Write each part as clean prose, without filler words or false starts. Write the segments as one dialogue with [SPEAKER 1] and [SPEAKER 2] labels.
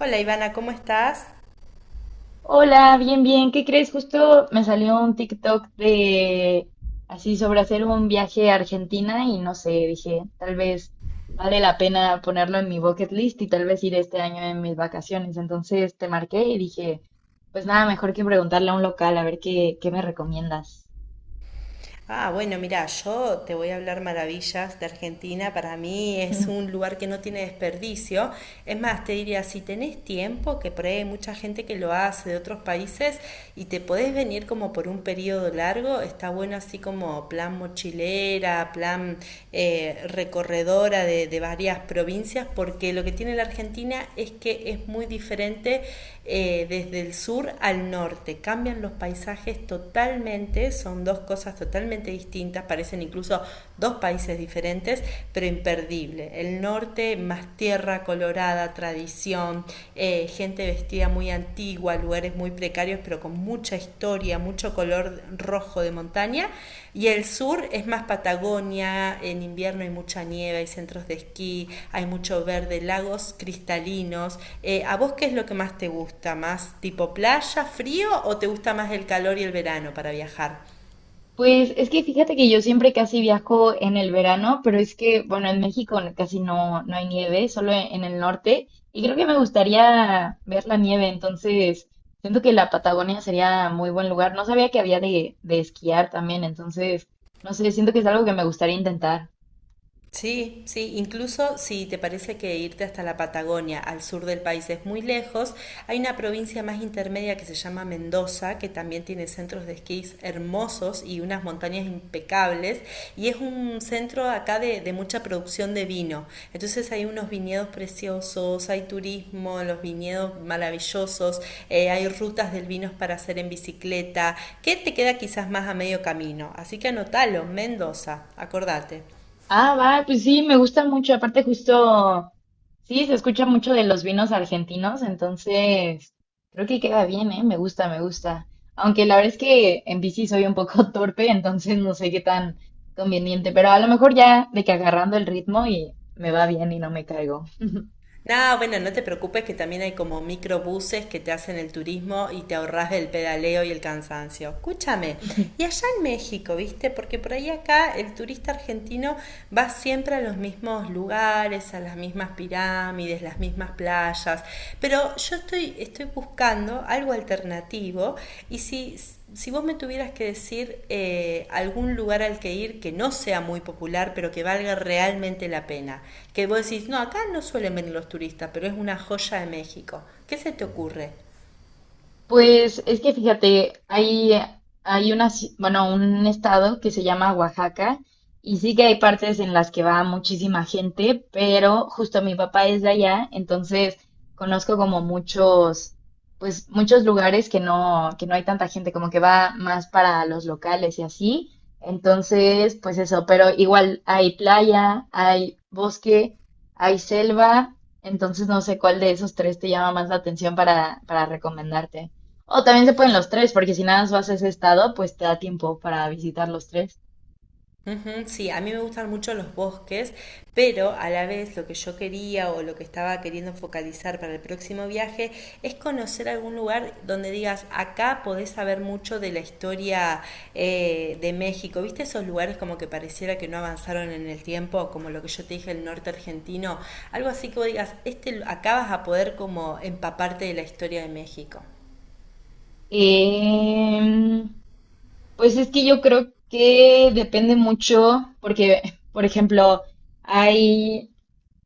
[SPEAKER 1] Hola Ivana, ¿cómo estás?
[SPEAKER 2] Hola, bien, bien. ¿Qué crees? Justo me salió un TikTok de así sobre hacer un viaje a Argentina y no sé, dije, tal vez vale la pena ponerlo en mi bucket list y tal vez ir este año en mis vacaciones. Entonces te marqué y dije, pues nada, mejor que preguntarle a un local a ver qué me recomiendas.
[SPEAKER 1] Ah, bueno, mira, yo te voy a hablar maravillas de Argentina. Para mí es un lugar que no tiene desperdicio. Es más, te diría, si tenés tiempo, que por ahí hay mucha gente que lo hace de otros países y te podés venir como por un periodo largo, está bueno así como plan mochilera, plan recorredora de varias provincias, porque lo que tiene la Argentina es que es muy diferente desde el sur al norte. Cambian los paisajes totalmente, son dos cosas totalmente distintas, parecen incluso dos países diferentes, pero imperdible. El norte más tierra colorada, tradición, gente vestida muy antigua, lugares muy precarios, pero con mucha historia, mucho color rojo de montaña. Y el sur es más Patagonia, en invierno hay mucha nieve, hay centros de esquí, hay mucho verde, lagos cristalinos. ¿A vos qué es lo que más te gusta? ¿Más tipo playa, frío o te gusta más el calor y el verano para viajar?
[SPEAKER 2] Pues es que fíjate que yo siempre casi viajo en el verano, pero es que, bueno, en México casi no hay nieve, solo en el norte, y creo que me gustaría ver la nieve, entonces siento que la Patagonia sería muy buen lugar. No sabía que había de esquiar también, entonces, no sé, siento que es algo que me gustaría intentar.
[SPEAKER 1] Sí, sí, incluso si te parece que irte hasta la Patagonia, al sur del país, es muy lejos, hay una provincia más intermedia que se llama Mendoza, que también tiene centros de esquís hermosos y unas montañas impecables, y es un centro acá de mucha producción de vino. Entonces hay unos viñedos preciosos, hay turismo, los viñedos maravillosos, hay rutas del vino para hacer en bicicleta, que te queda quizás más a medio camino. Así que anotalo, Mendoza, acordate.
[SPEAKER 2] Ah, va, pues sí, me gusta mucho. Aparte, justo, sí, se escucha mucho de los vinos argentinos, entonces creo que queda bien, ¿eh? Me gusta, me gusta. Aunque la verdad es que en bici soy un poco torpe, entonces no sé qué tan conveniente, pero a lo mejor ya de que agarrando el ritmo y me va bien y no me caigo.
[SPEAKER 1] No, bueno, no te preocupes que también hay como microbuses que te hacen el turismo y te ahorras del pedaleo y el cansancio. Escúchame, y allá en México, ¿viste? Porque por ahí acá el turista argentino va siempre a los mismos lugares, a las mismas pirámides, las mismas playas. Pero yo estoy buscando algo alternativo y si vos me tuvieras que decir algún lugar al que ir que no sea muy popular, pero que valga realmente la pena, que vos decís, no, acá no suelen venir los turistas, pero es una joya de México, ¿qué se te ocurre?
[SPEAKER 2] Pues es que fíjate, hay una, bueno, un estado que se llama Oaxaca y sí que hay partes en las que va muchísima gente, pero justo mi papá es de allá, entonces conozco como muchos, pues muchos lugares que no hay tanta gente, como que va más para los locales y así. Entonces, pues eso, pero igual hay playa, hay bosque, hay selva, entonces no sé cuál de esos tres te llama más la atención para recomendarte. O también se pueden los tres, porque si nada más vas a ese estado, pues te da tiempo para visitar los tres.
[SPEAKER 1] Ujú. Sí, a mí me gustan mucho los bosques, pero a la vez lo que yo quería o lo que estaba queriendo focalizar para el próximo viaje es conocer algún lugar donde digas, acá podés saber mucho de la historia de México. ¿Viste esos lugares como que pareciera que no avanzaron en el tiempo, como lo que yo te dije, el norte argentino? Algo así que vos digas, este, acá vas a poder como empaparte de la historia de México.
[SPEAKER 2] Em, pues es que yo creo que depende mucho, porque, por ejemplo, hay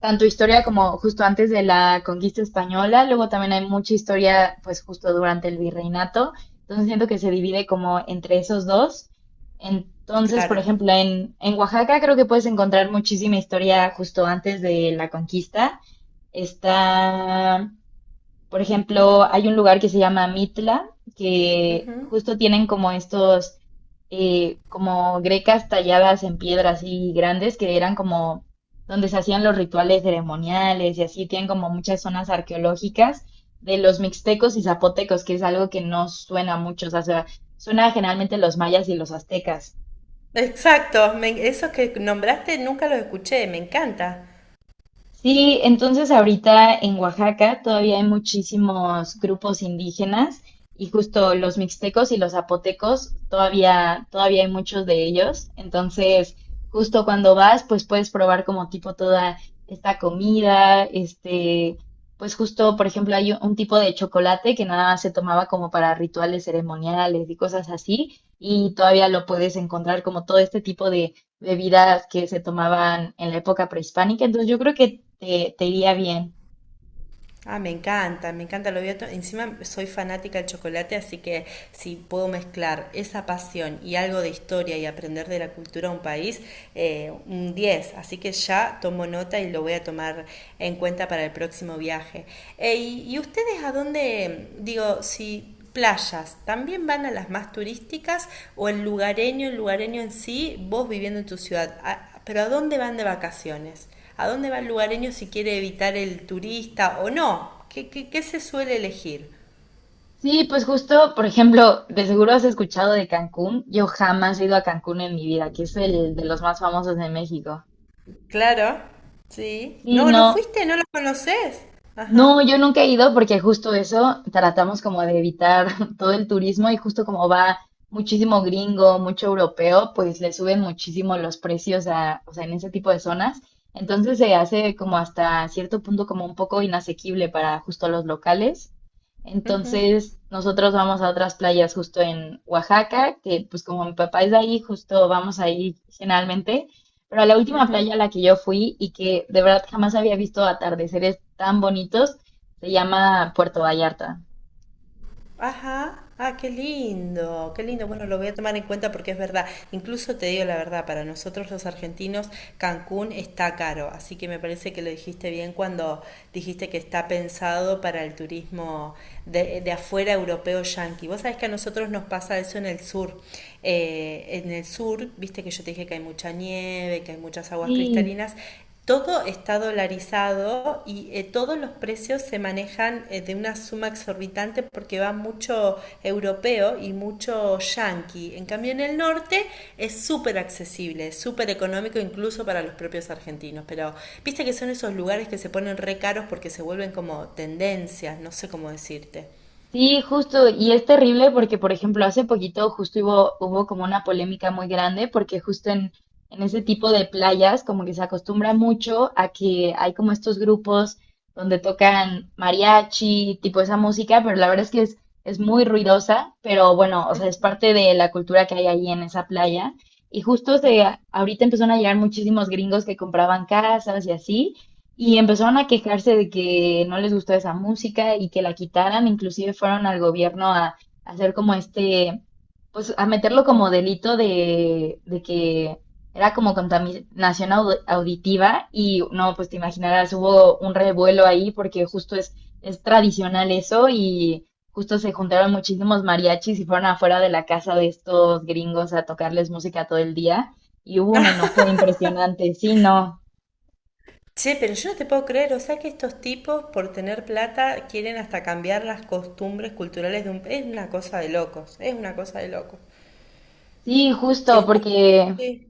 [SPEAKER 2] tanto historia como justo antes de la conquista española, luego también hay mucha historia, pues justo durante el virreinato. Entonces siento que se divide como entre esos dos. Entonces, por
[SPEAKER 1] Claro.
[SPEAKER 2] ejemplo, en Oaxaca creo que puedes encontrar muchísima historia justo antes de la conquista. Está, por ejemplo, hay un lugar que se llama Mitla, que
[SPEAKER 1] Ujú.
[SPEAKER 2] justo tienen como estos, como grecas talladas en piedra así grandes, que eran como donde se hacían los rituales ceremoniales y así, tienen como muchas zonas arqueológicas de los mixtecos y zapotecos, que es algo que no suena mucho, o sea, suena generalmente los mayas y los aztecas.
[SPEAKER 1] Exacto, esos que nombraste nunca los escuché, me encanta.
[SPEAKER 2] Sí, entonces ahorita en Oaxaca todavía hay muchísimos grupos indígenas y justo los mixtecos y los zapotecos, todavía hay muchos de ellos. Entonces, justo cuando vas, pues puedes probar como tipo toda esta comida, este, pues justo, por ejemplo, hay un tipo de chocolate que nada más se tomaba como para rituales ceremoniales y cosas así, y todavía lo puedes encontrar como todo este tipo de bebidas que se tomaban en la época prehispánica, entonces yo creo que te iría bien.
[SPEAKER 1] Ah, me encanta lo bioto. Encima soy fanática del chocolate, así que si puedo mezclar esa pasión y algo de historia y aprender de la cultura de un país, un 10. Así que ya tomo nota y lo voy a tomar en cuenta para el próximo viaje. ¿Y ustedes a dónde, digo, si playas, también van a las más turísticas o el lugareño en sí, vos viviendo en tu ciudad? Pero ¿a dónde van de vacaciones? ¿A dónde va el lugareño si quiere evitar el turista o no? ¿Qué, qué, qué se suele elegir?
[SPEAKER 2] Sí, pues justo, por ejemplo, de seguro has escuchado de Cancún. Yo jamás he ido a Cancún en mi vida, que es el de los más famosos de México.
[SPEAKER 1] Claro, sí.
[SPEAKER 2] Sí,
[SPEAKER 1] No, no
[SPEAKER 2] no.
[SPEAKER 1] fuiste, no lo conoces. Ajá.
[SPEAKER 2] No, yo nunca he ido porque justo eso tratamos como de evitar todo el turismo y justo como va muchísimo gringo, mucho europeo, pues le suben muchísimo los precios a, o sea, en ese tipo de zonas. Entonces se hace como hasta cierto punto como un poco inasequible para justo los locales. Entonces nosotros vamos a otras playas justo en Oaxaca, que pues como mi papá es de ahí, justo vamos ahí generalmente. Pero la última playa a la que yo fui y que de verdad jamás había visto atardeceres tan bonitos se llama Puerto Vallarta.
[SPEAKER 1] Ajá, ah, qué lindo, qué lindo. Bueno, lo voy a tomar en cuenta porque es verdad. Incluso te digo la verdad, para nosotros los argentinos, Cancún está caro, así que me parece que lo dijiste bien cuando dijiste que está pensado para el turismo de afuera europeo yanqui. Vos sabés que a nosotros nos pasa eso en el sur. En el sur, viste que yo te dije que hay mucha nieve, que hay muchas aguas
[SPEAKER 2] Sí.
[SPEAKER 1] cristalinas. Todo está dolarizado y todos los precios se manejan de una suma exorbitante porque va mucho europeo y mucho yanqui. En cambio, en el norte es súper accesible, súper económico incluso para los propios argentinos. Pero viste que son esos lugares que se ponen re caros porque se vuelven como tendencias, no sé cómo decirte.
[SPEAKER 2] Sí, justo, y es terrible porque, por ejemplo, hace poquito justo hubo como una polémica muy grande porque justo en ese tipo de playas como que se acostumbra mucho a que hay como estos grupos donde tocan mariachi, tipo esa música, pero la verdad es que es muy ruidosa, pero bueno, o sea, es parte de la cultura que hay ahí en esa playa. Y justo se, ahorita empezaron a llegar muchísimos gringos que compraban casas y así. Y empezaron a quejarse de que no les gustó esa música y que la quitaran, inclusive fueron al gobierno a hacer como este, pues a meterlo como delito de que era como contaminación auditiva y no, pues te imaginarás, hubo un revuelo ahí porque justo es tradicional eso y justo se juntaron muchísimos mariachis y fueron afuera de la casa de estos gringos a tocarles música todo el día y hubo un enojo impresionante, sí, no.
[SPEAKER 1] Ah, che, pero yo no te puedo creer, o sea que estos tipos por tener plata quieren hasta cambiar las costumbres culturales de un… Es una cosa de locos, es una cosa de locos.
[SPEAKER 2] Sí,
[SPEAKER 1] Te
[SPEAKER 2] justo,
[SPEAKER 1] juro
[SPEAKER 2] porque
[SPEAKER 1] que…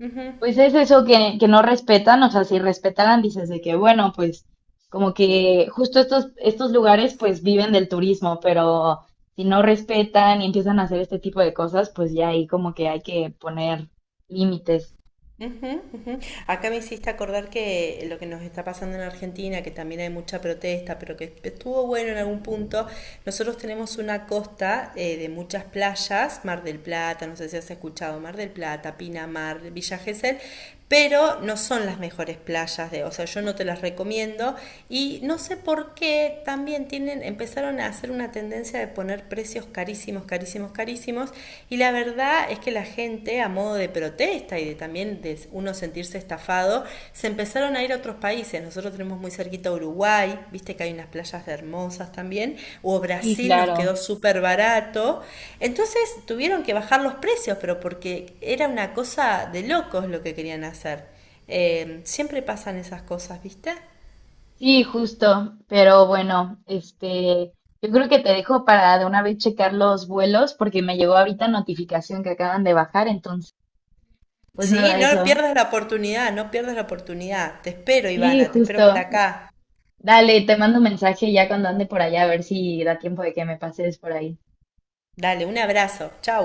[SPEAKER 1] Ujú,
[SPEAKER 2] pues es eso que no respetan, o sea, si respetaran, dices de que, bueno, pues como que justo estos lugares pues viven del turismo, pero si no respetan y empiezan a hacer este tipo de cosas, pues ya ahí como que hay que poner límites.
[SPEAKER 1] ujú, ujú. Acá me hiciste acordar que lo que nos está pasando en Argentina, que también hay mucha protesta, pero que estuvo bueno en algún punto, nosotros tenemos una costa de muchas playas, Mar del Plata, no sé si has escuchado, Mar del Plata, Pinamar, Villa Gesell, pero no son las mejores playas de, o sea, yo no te las recomiendo y no sé por qué también tienen empezaron a hacer una tendencia de poner precios carísimos, carísimos, carísimos y la verdad es que la gente a modo de protesta y de también de uno sentirse estafado se empezaron a ir a otros países, nosotros tenemos muy cerquita Uruguay, viste que hay unas playas hermosas también, o
[SPEAKER 2] Sí,
[SPEAKER 1] Brasil nos quedó
[SPEAKER 2] claro.
[SPEAKER 1] súper barato, entonces tuvieron que bajar los precios, pero porque era una cosa de locos lo que querían hacer. Siempre pasan esas cosas, ¿viste?
[SPEAKER 2] Sí, justo, pero bueno, este, yo creo que te dejo para de una vez checar los vuelos porque me llegó ahorita notificación que acaban de bajar, entonces, pues
[SPEAKER 1] Sí,
[SPEAKER 2] nada,
[SPEAKER 1] no
[SPEAKER 2] eso.
[SPEAKER 1] pierdas la oportunidad, no pierdas la oportunidad. Te espero,
[SPEAKER 2] Sí,
[SPEAKER 1] Ivana, te
[SPEAKER 2] justo.
[SPEAKER 1] espero por acá.
[SPEAKER 2] Dale, te mando un mensaje ya cuando ande por allá a ver si da tiempo de que me pases por ahí.
[SPEAKER 1] Dale, un abrazo, chau.